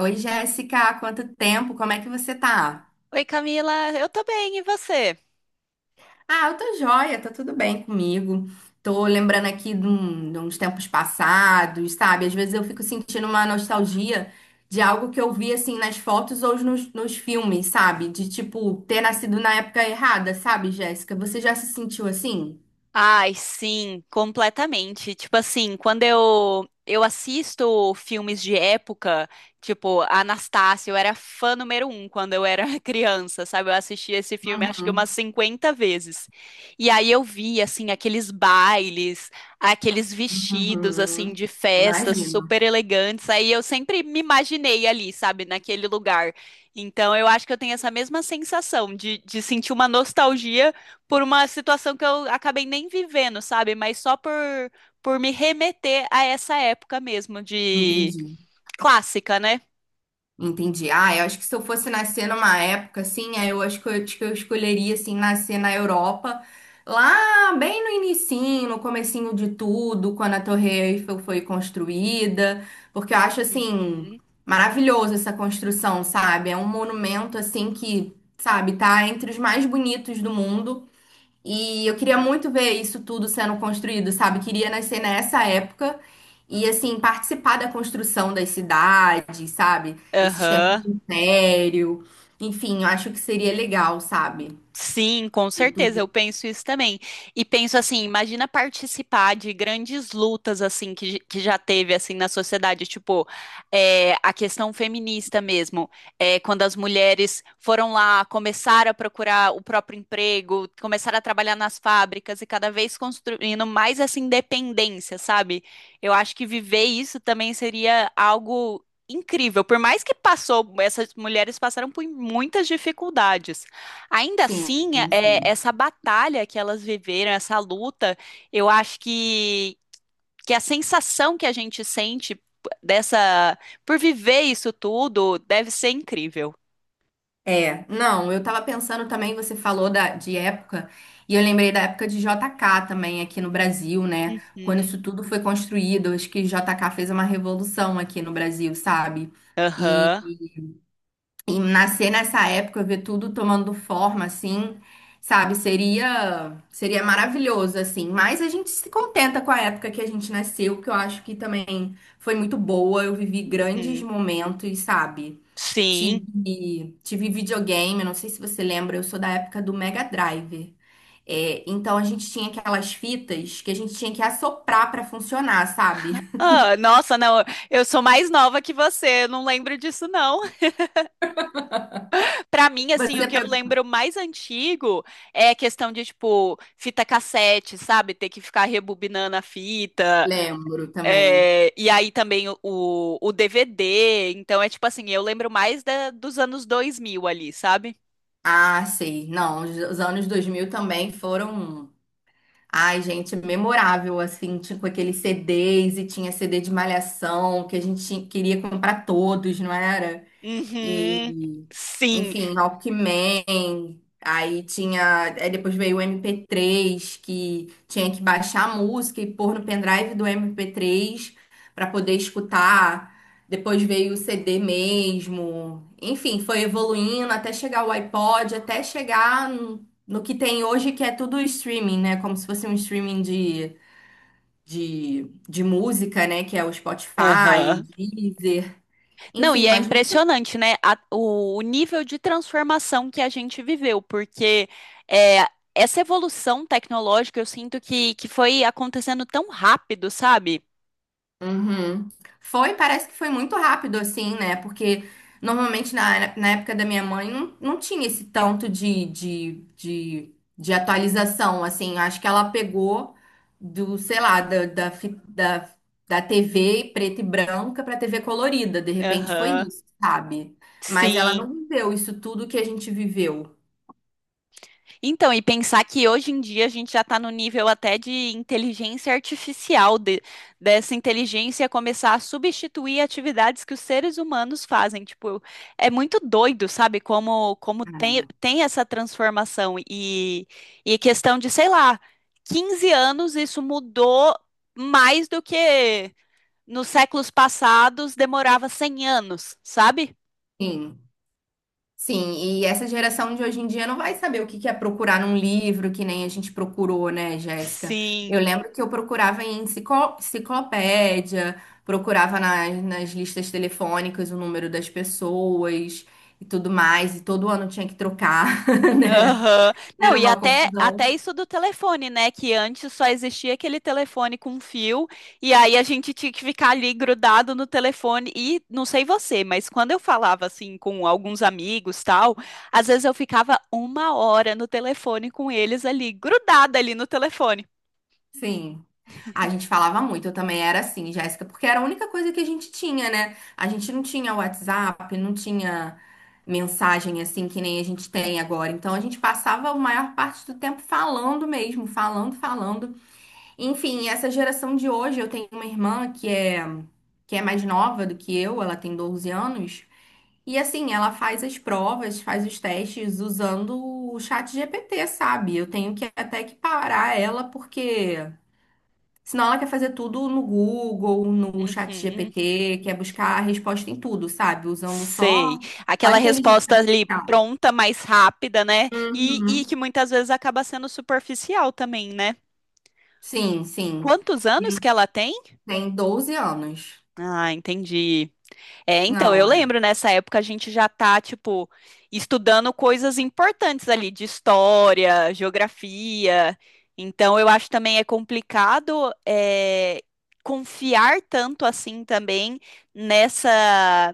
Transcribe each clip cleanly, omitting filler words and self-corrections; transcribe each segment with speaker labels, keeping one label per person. Speaker 1: Oi, Jéssica, há quanto tempo? Como é que você tá?
Speaker 2: Oi, Camila, eu tô bem, e você?
Speaker 1: Ah, eu tô joia, tá tudo bem comigo. Tô lembrando aqui de uns tempos passados, sabe? Às vezes eu fico sentindo uma nostalgia de algo que eu vi assim nas fotos ou nos filmes, sabe? De tipo ter nascido na época errada, sabe, Jéssica? Você já se sentiu assim?
Speaker 2: Ai, sim, completamente. Tipo assim, quando eu assisto filmes de época, tipo Anastácia, eu era fã número um quando eu era criança, sabe? Eu assisti esse filme acho que
Speaker 1: Uhum,
Speaker 2: umas 50 vezes. E aí eu vi assim aqueles bailes, aqueles vestidos assim
Speaker 1: uhum.
Speaker 2: de festas
Speaker 1: Imagino,
Speaker 2: super elegantes. Aí eu sempre me imaginei ali, sabe, naquele lugar. Então eu acho que eu tenho essa mesma sensação de sentir uma nostalgia por uma situação que eu acabei nem vivendo, sabe? Mas só por me remeter a essa época mesmo de
Speaker 1: entendi.
Speaker 2: clássica, né?
Speaker 1: Entendi. Ah, eu acho que se eu fosse nascer numa época assim, aí eu acho que eu, acho que eu escolheria assim nascer na Europa, lá bem no inicinho, no comecinho de tudo, quando a Torre Eiffel foi construída, porque eu acho assim
Speaker 2: Uhum.
Speaker 1: maravilhoso essa construção, sabe? É um monumento assim que, sabe, tá entre os mais bonitos do mundo. E eu queria muito ver isso tudo sendo construído, sabe? Queria nascer nessa época e, assim, participar da construção das cidades, sabe? Esses tempos
Speaker 2: Aham.
Speaker 1: de império. Enfim, eu acho que seria legal, sabe?
Speaker 2: Sim, com
Speaker 1: E
Speaker 2: certeza, eu
Speaker 1: tudo.
Speaker 2: penso isso também. E penso assim, imagina participar de grandes lutas assim que já teve assim na sociedade, tipo, a questão feminista mesmo, quando as mulheres foram lá, começaram a procurar o próprio emprego, começaram a trabalhar nas fábricas e cada vez construindo mais essa independência, sabe? Eu acho que viver isso também seria algo incrível, por mais que passou, essas mulheres passaram por muitas dificuldades. Ainda
Speaker 1: Sim,
Speaker 2: assim,
Speaker 1: sim.
Speaker 2: essa batalha que elas viveram, essa luta, eu acho que a sensação que a gente sente dessa, por viver isso tudo, deve ser incrível.
Speaker 1: É, não, eu tava pensando também, você falou de época, e eu lembrei da época de JK também aqui no Brasil, né? Quando
Speaker 2: Uhum.
Speaker 1: isso tudo foi construído, acho que JK fez uma revolução aqui no Brasil, sabe?
Speaker 2: Aham.
Speaker 1: E nascer nessa época, ver tudo tomando forma, assim, sabe? Seria maravilhoso, assim. Mas a gente se contenta com a época que a gente nasceu, que eu acho que também foi muito boa. Eu vivi grandes
Speaker 2: Uhum.
Speaker 1: momentos, sabe?
Speaker 2: Sim.
Speaker 1: Tive videogame, não sei se você lembra, eu sou da época do Mega Drive. É, então a gente tinha aquelas fitas que a gente tinha que assoprar pra funcionar, sabe?
Speaker 2: Ah, nossa, não, eu sou mais nova que você, eu não lembro disso não. Pra mim, assim, o
Speaker 1: Você
Speaker 2: que eu
Speaker 1: pegou?
Speaker 2: lembro mais antigo é a questão de, tipo, fita cassete, sabe? Ter que ficar rebobinando a fita.
Speaker 1: Lembro também.
Speaker 2: É, e aí também o DVD, então é tipo assim, eu lembro mais dos anos 2000 ali, sabe?
Speaker 1: Ah, sei. Não, os anos 2000 também foram, ai, gente, memorável, assim, tinha com aqueles CDs e tinha CD de Malhação que a gente tinha- queria comprar todos, não era?
Speaker 2: Uhum.
Speaker 1: E,
Speaker 2: Sim.
Speaker 1: enfim, Walkman. Aí tinha. Aí depois veio o MP3, que tinha que baixar a música e pôr no pendrive do MP3 para poder escutar. Depois veio o CD mesmo. Enfim, foi evoluindo até chegar o iPod, até chegar no que tem hoje, que é tudo streaming, né? Como se fosse um streaming de música, né? Que é o Spotify, o
Speaker 2: Aham.
Speaker 1: Deezer.
Speaker 2: Não, e
Speaker 1: Enfim,
Speaker 2: é
Speaker 1: mas
Speaker 2: impressionante, né? O, o nível de transformação que a gente viveu, porque é, essa evolução tecnológica eu sinto que foi acontecendo tão rápido, sabe?
Speaker 1: uhum. Foi, parece que foi muito rápido assim, né? Porque normalmente na época da minha mãe não tinha esse tanto de atualização, assim. Acho que ela pegou do, sei lá, da, da, fi- da, da TV preta e branca para TV colorida. De repente foi
Speaker 2: Aham.
Speaker 1: isso, sabe? Mas ela
Speaker 2: Sim.
Speaker 1: não viveu isso tudo que a gente viveu.
Speaker 2: Então, e pensar que hoje em dia a gente já está no nível até de inteligência artificial, dessa inteligência começar a substituir atividades que os seres humanos fazem. Tipo, é muito doido, sabe? Como, como tem,
Speaker 1: Caramba.
Speaker 2: tem essa transformação. E questão de, sei lá, 15 anos isso mudou mais do que nos séculos passados demorava 100 anos, sabe?
Speaker 1: Sim. Sim, e essa geração de hoje em dia não vai saber o que que é procurar num livro, que nem a gente procurou, né, Jéssica?
Speaker 2: Sim,
Speaker 1: Eu lembro que eu procurava em enciclopédia, procurava nas listas telefônicas o número das pessoas e tudo mais, e todo ano tinha que trocar, né?
Speaker 2: aham. Não,
Speaker 1: Era
Speaker 2: e
Speaker 1: uma
Speaker 2: até,
Speaker 1: confusão.
Speaker 2: até isso do telefone, né? Que antes só existia aquele telefone com fio, e aí a gente tinha que ficar ali grudado no telefone. E não sei você, mas quando eu falava assim com alguns amigos, tal, às vezes eu ficava uma hora no telefone com eles ali, grudada ali no telefone.
Speaker 1: Sim. A gente falava muito, eu também era assim, Jéssica, porque era a única coisa que a gente tinha, né? A gente não tinha WhatsApp, não tinha mensagem assim que nem a gente tem agora. Então a gente passava a maior parte do tempo falando mesmo, falando, falando. Enfim, essa geração de hoje, eu tenho uma irmã que é mais nova do que eu, ela tem 12 anos, e assim, ela faz as provas, faz os testes usando o chat GPT, sabe? Eu tenho que até que parar ela porque senão ela quer fazer tudo no Google, no chat
Speaker 2: Uhum,
Speaker 1: GPT, quer buscar a resposta em tudo, sabe? Usando só,
Speaker 2: sei.
Speaker 1: só
Speaker 2: Aquela
Speaker 1: inteligência
Speaker 2: resposta ali
Speaker 1: artificial.
Speaker 2: pronta, mais rápida, né? E que
Speaker 1: Uhum.
Speaker 2: muitas vezes acaba sendo superficial também, né?
Speaker 1: Sim, sim.
Speaker 2: Quantos
Speaker 1: E
Speaker 2: anos
Speaker 1: ela
Speaker 2: que ela tem?
Speaker 1: tem 12 anos.
Speaker 2: Ah, entendi. É, então, eu
Speaker 1: Não, é-
Speaker 2: lembro nessa época a gente já tá, tipo, estudando coisas importantes ali de história, geografia. Então, eu acho também é complicado confiar tanto assim também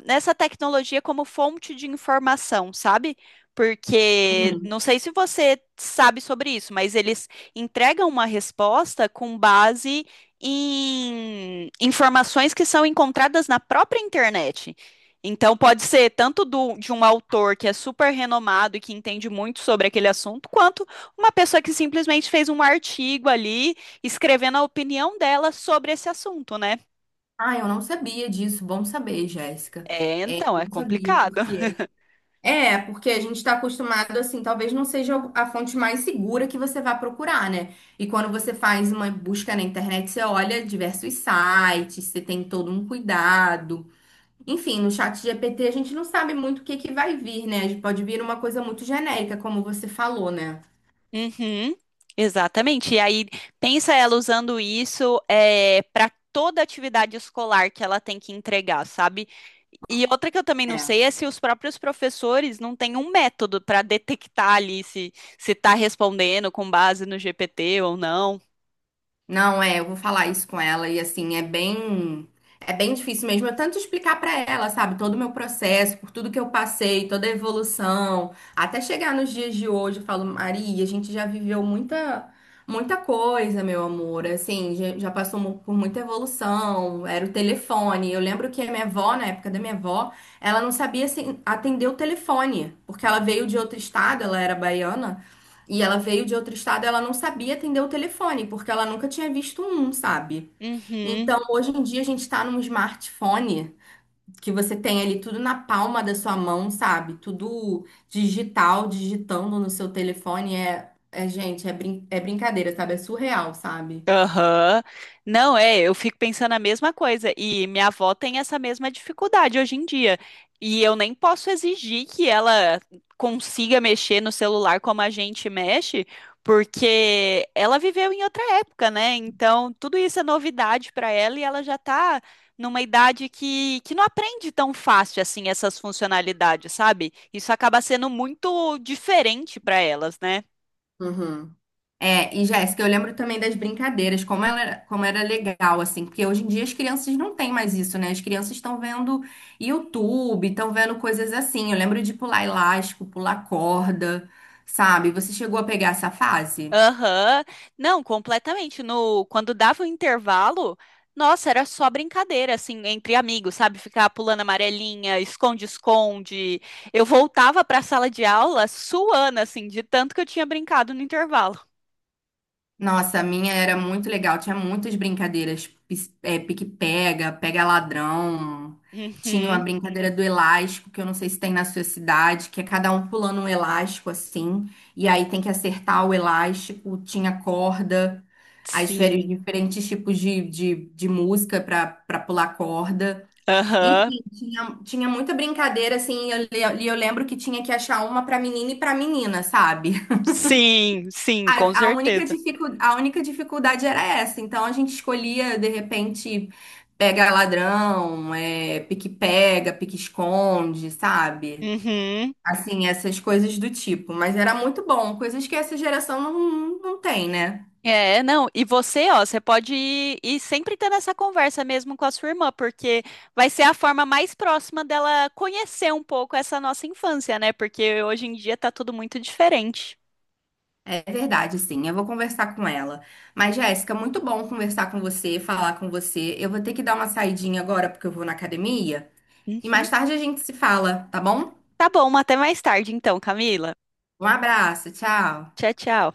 Speaker 2: nessa tecnologia como fonte de informação, sabe? Porque
Speaker 1: uhum.
Speaker 2: não sei se você sabe sobre isso, mas eles entregam uma resposta com base em informações que são encontradas na própria internet. Então, pode ser tanto de um autor que é super renomado e que entende muito sobre aquele assunto, quanto uma pessoa que simplesmente fez um artigo ali, escrevendo a opinião dela sobre esse assunto, né?
Speaker 1: Ah, eu não sabia disso. Bom saber, Jéssica.
Speaker 2: É,
Speaker 1: É, eu
Speaker 2: então, é
Speaker 1: não sabia,
Speaker 2: complicado.
Speaker 1: porque... É, porque a gente está acostumado, assim, talvez não seja a fonte mais segura que você vá procurar, né? E quando você faz uma busca na internet, você olha diversos sites, você tem todo um cuidado. Enfim, no chat GPT a gente não sabe muito o que que vai vir, né? Pode vir uma coisa muito genérica, como você falou, né?
Speaker 2: Uhum, exatamente. E aí, pensa ela usando isso para toda atividade escolar que ela tem que entregar, sabe? E outra que eu também não
Speaker 1: É.
Speaker 2: sei é se os próprios professores não têm um método para detectar ali se está respondendo com base no GPT ou não.
Speaker 1: Não, é, eu vou falar isso com ela e assim, é bem difícil mesmo. Eu tanto explicar pra ela, sabe, todo o meu processo, por tudo que eu passei, toda a evolução, até chegar nos dias de hoje, eu falo, Maria, a gente já viveu muita coisa, meu amor. Assim, já passou por muita evolução, era o telefone. Eu lembro que a minha avó, na época da minha avó, ela não sabia assim, atender o telefone, porque ela veio de outro estado, ela era baiana. E ela veio de outro estado, ela não sabia atender o telefone, porque ela nunca tinha visto um, sabe?
Speaker 2: Uhum.
Speaker 1: Então, hoje em dia, a gente está num smartphone que você tem ali tudo na palma da sua mão, sabe? Tudo digital, digitando no seu telefone. É, é gente, é, brin é brincadeira, sabe? É surreal, sabe?
Speaker 2: Aham. Não, é, eu fico pensando a mesma coisa. E minha avó tem essa mesma dificuldade hoje em dia. E eu nem posso exigir que ela consiga mexer no celular como a gente mexe, porque ela viveu em outra época, né? Então, tudo isso é novidade para ela e ela já tá numa idade que não aprende tão fácil assim essas funcionalidades, sabe? Isso acaba sendo muito diferente para elas, né?
Speaker 1: Uhum. É, e Jéssica, eu lembro também das brincadeiras, como ela, como era legal, assim, porque hoje em dia as crianças não têm mais isso, né? As crianças estão vendo YouTube, estão vendo coisas assim. Eu lembro de pular elástico, pular corda, sabe? Você chegou a pegar essa fase?
Speaker 2: Aham. Não, completamente. No, quando dava o intervalo, nossa, era só brincadeira, assim, entre amigos, sabe? Ficar pulando amarelinha, esconde-esconde. Eu voltava para a sala de aula suando, assim, de tanto que eu tinha brincado no intervalo.
Speaker 1: Nossa, a minha era muito legal. Tinha muitas brincadeiras. Pique-pega, pega-ladrão. Tinha uma
Speaker 2: Uhum.
Speaker 1: brincadeira do elástico, que eu não sei se tem na sua cidade, que é cada um pulando um elástico assim. E aí tem que acertar o elástico. Tinha corda. As férias,
Speaker 2: Sim.
Speaker 1: diferentes tipos de música para pular corda.
Speaker 2: Aham.
Speaker 1: Enfim, tinha muita brincadeira assim. E eu lembro que tinha que achar uma para menina e para menina, sabe?
Speaker 2: Sim, sim, com certeza.
Speaker 1: A única dificuldade era essa. Então a gente escolhia, de repente, pega ladrão, é, pique-pega, pique-esconde, sabe?
Speaker 2: Uhum.
Speaker 1: Assim, essas coisas do tipo. Mas era muito bom, coisas que essa geração não tem, né?
Speaker 2: É, não, e você, ó, você pode ir sempre tendo essa conversa mesmo com a sua irmã, porque vai ser a forma mais próxima dela conhecer um pouco essa nossa infância, né? Porque hoje em dia tá tudo muito diferente.
Speaker 1: É verdade, sim. Eu vou conversar com ela. Mas, Jéssica, muito bom conversar com você, falar com você. Eu vou ter que dar uma saidinha agora porque eu vou na academia. E
Speaker 2: Uhum.
Speaker 1: mais tarde a gente se fala, tá bom?
Speaker 2: Tá bom, até mais tarde então, Camila.
Speaker 1: Um abraço, tchau.
Speaker 2: Tchau, tchau.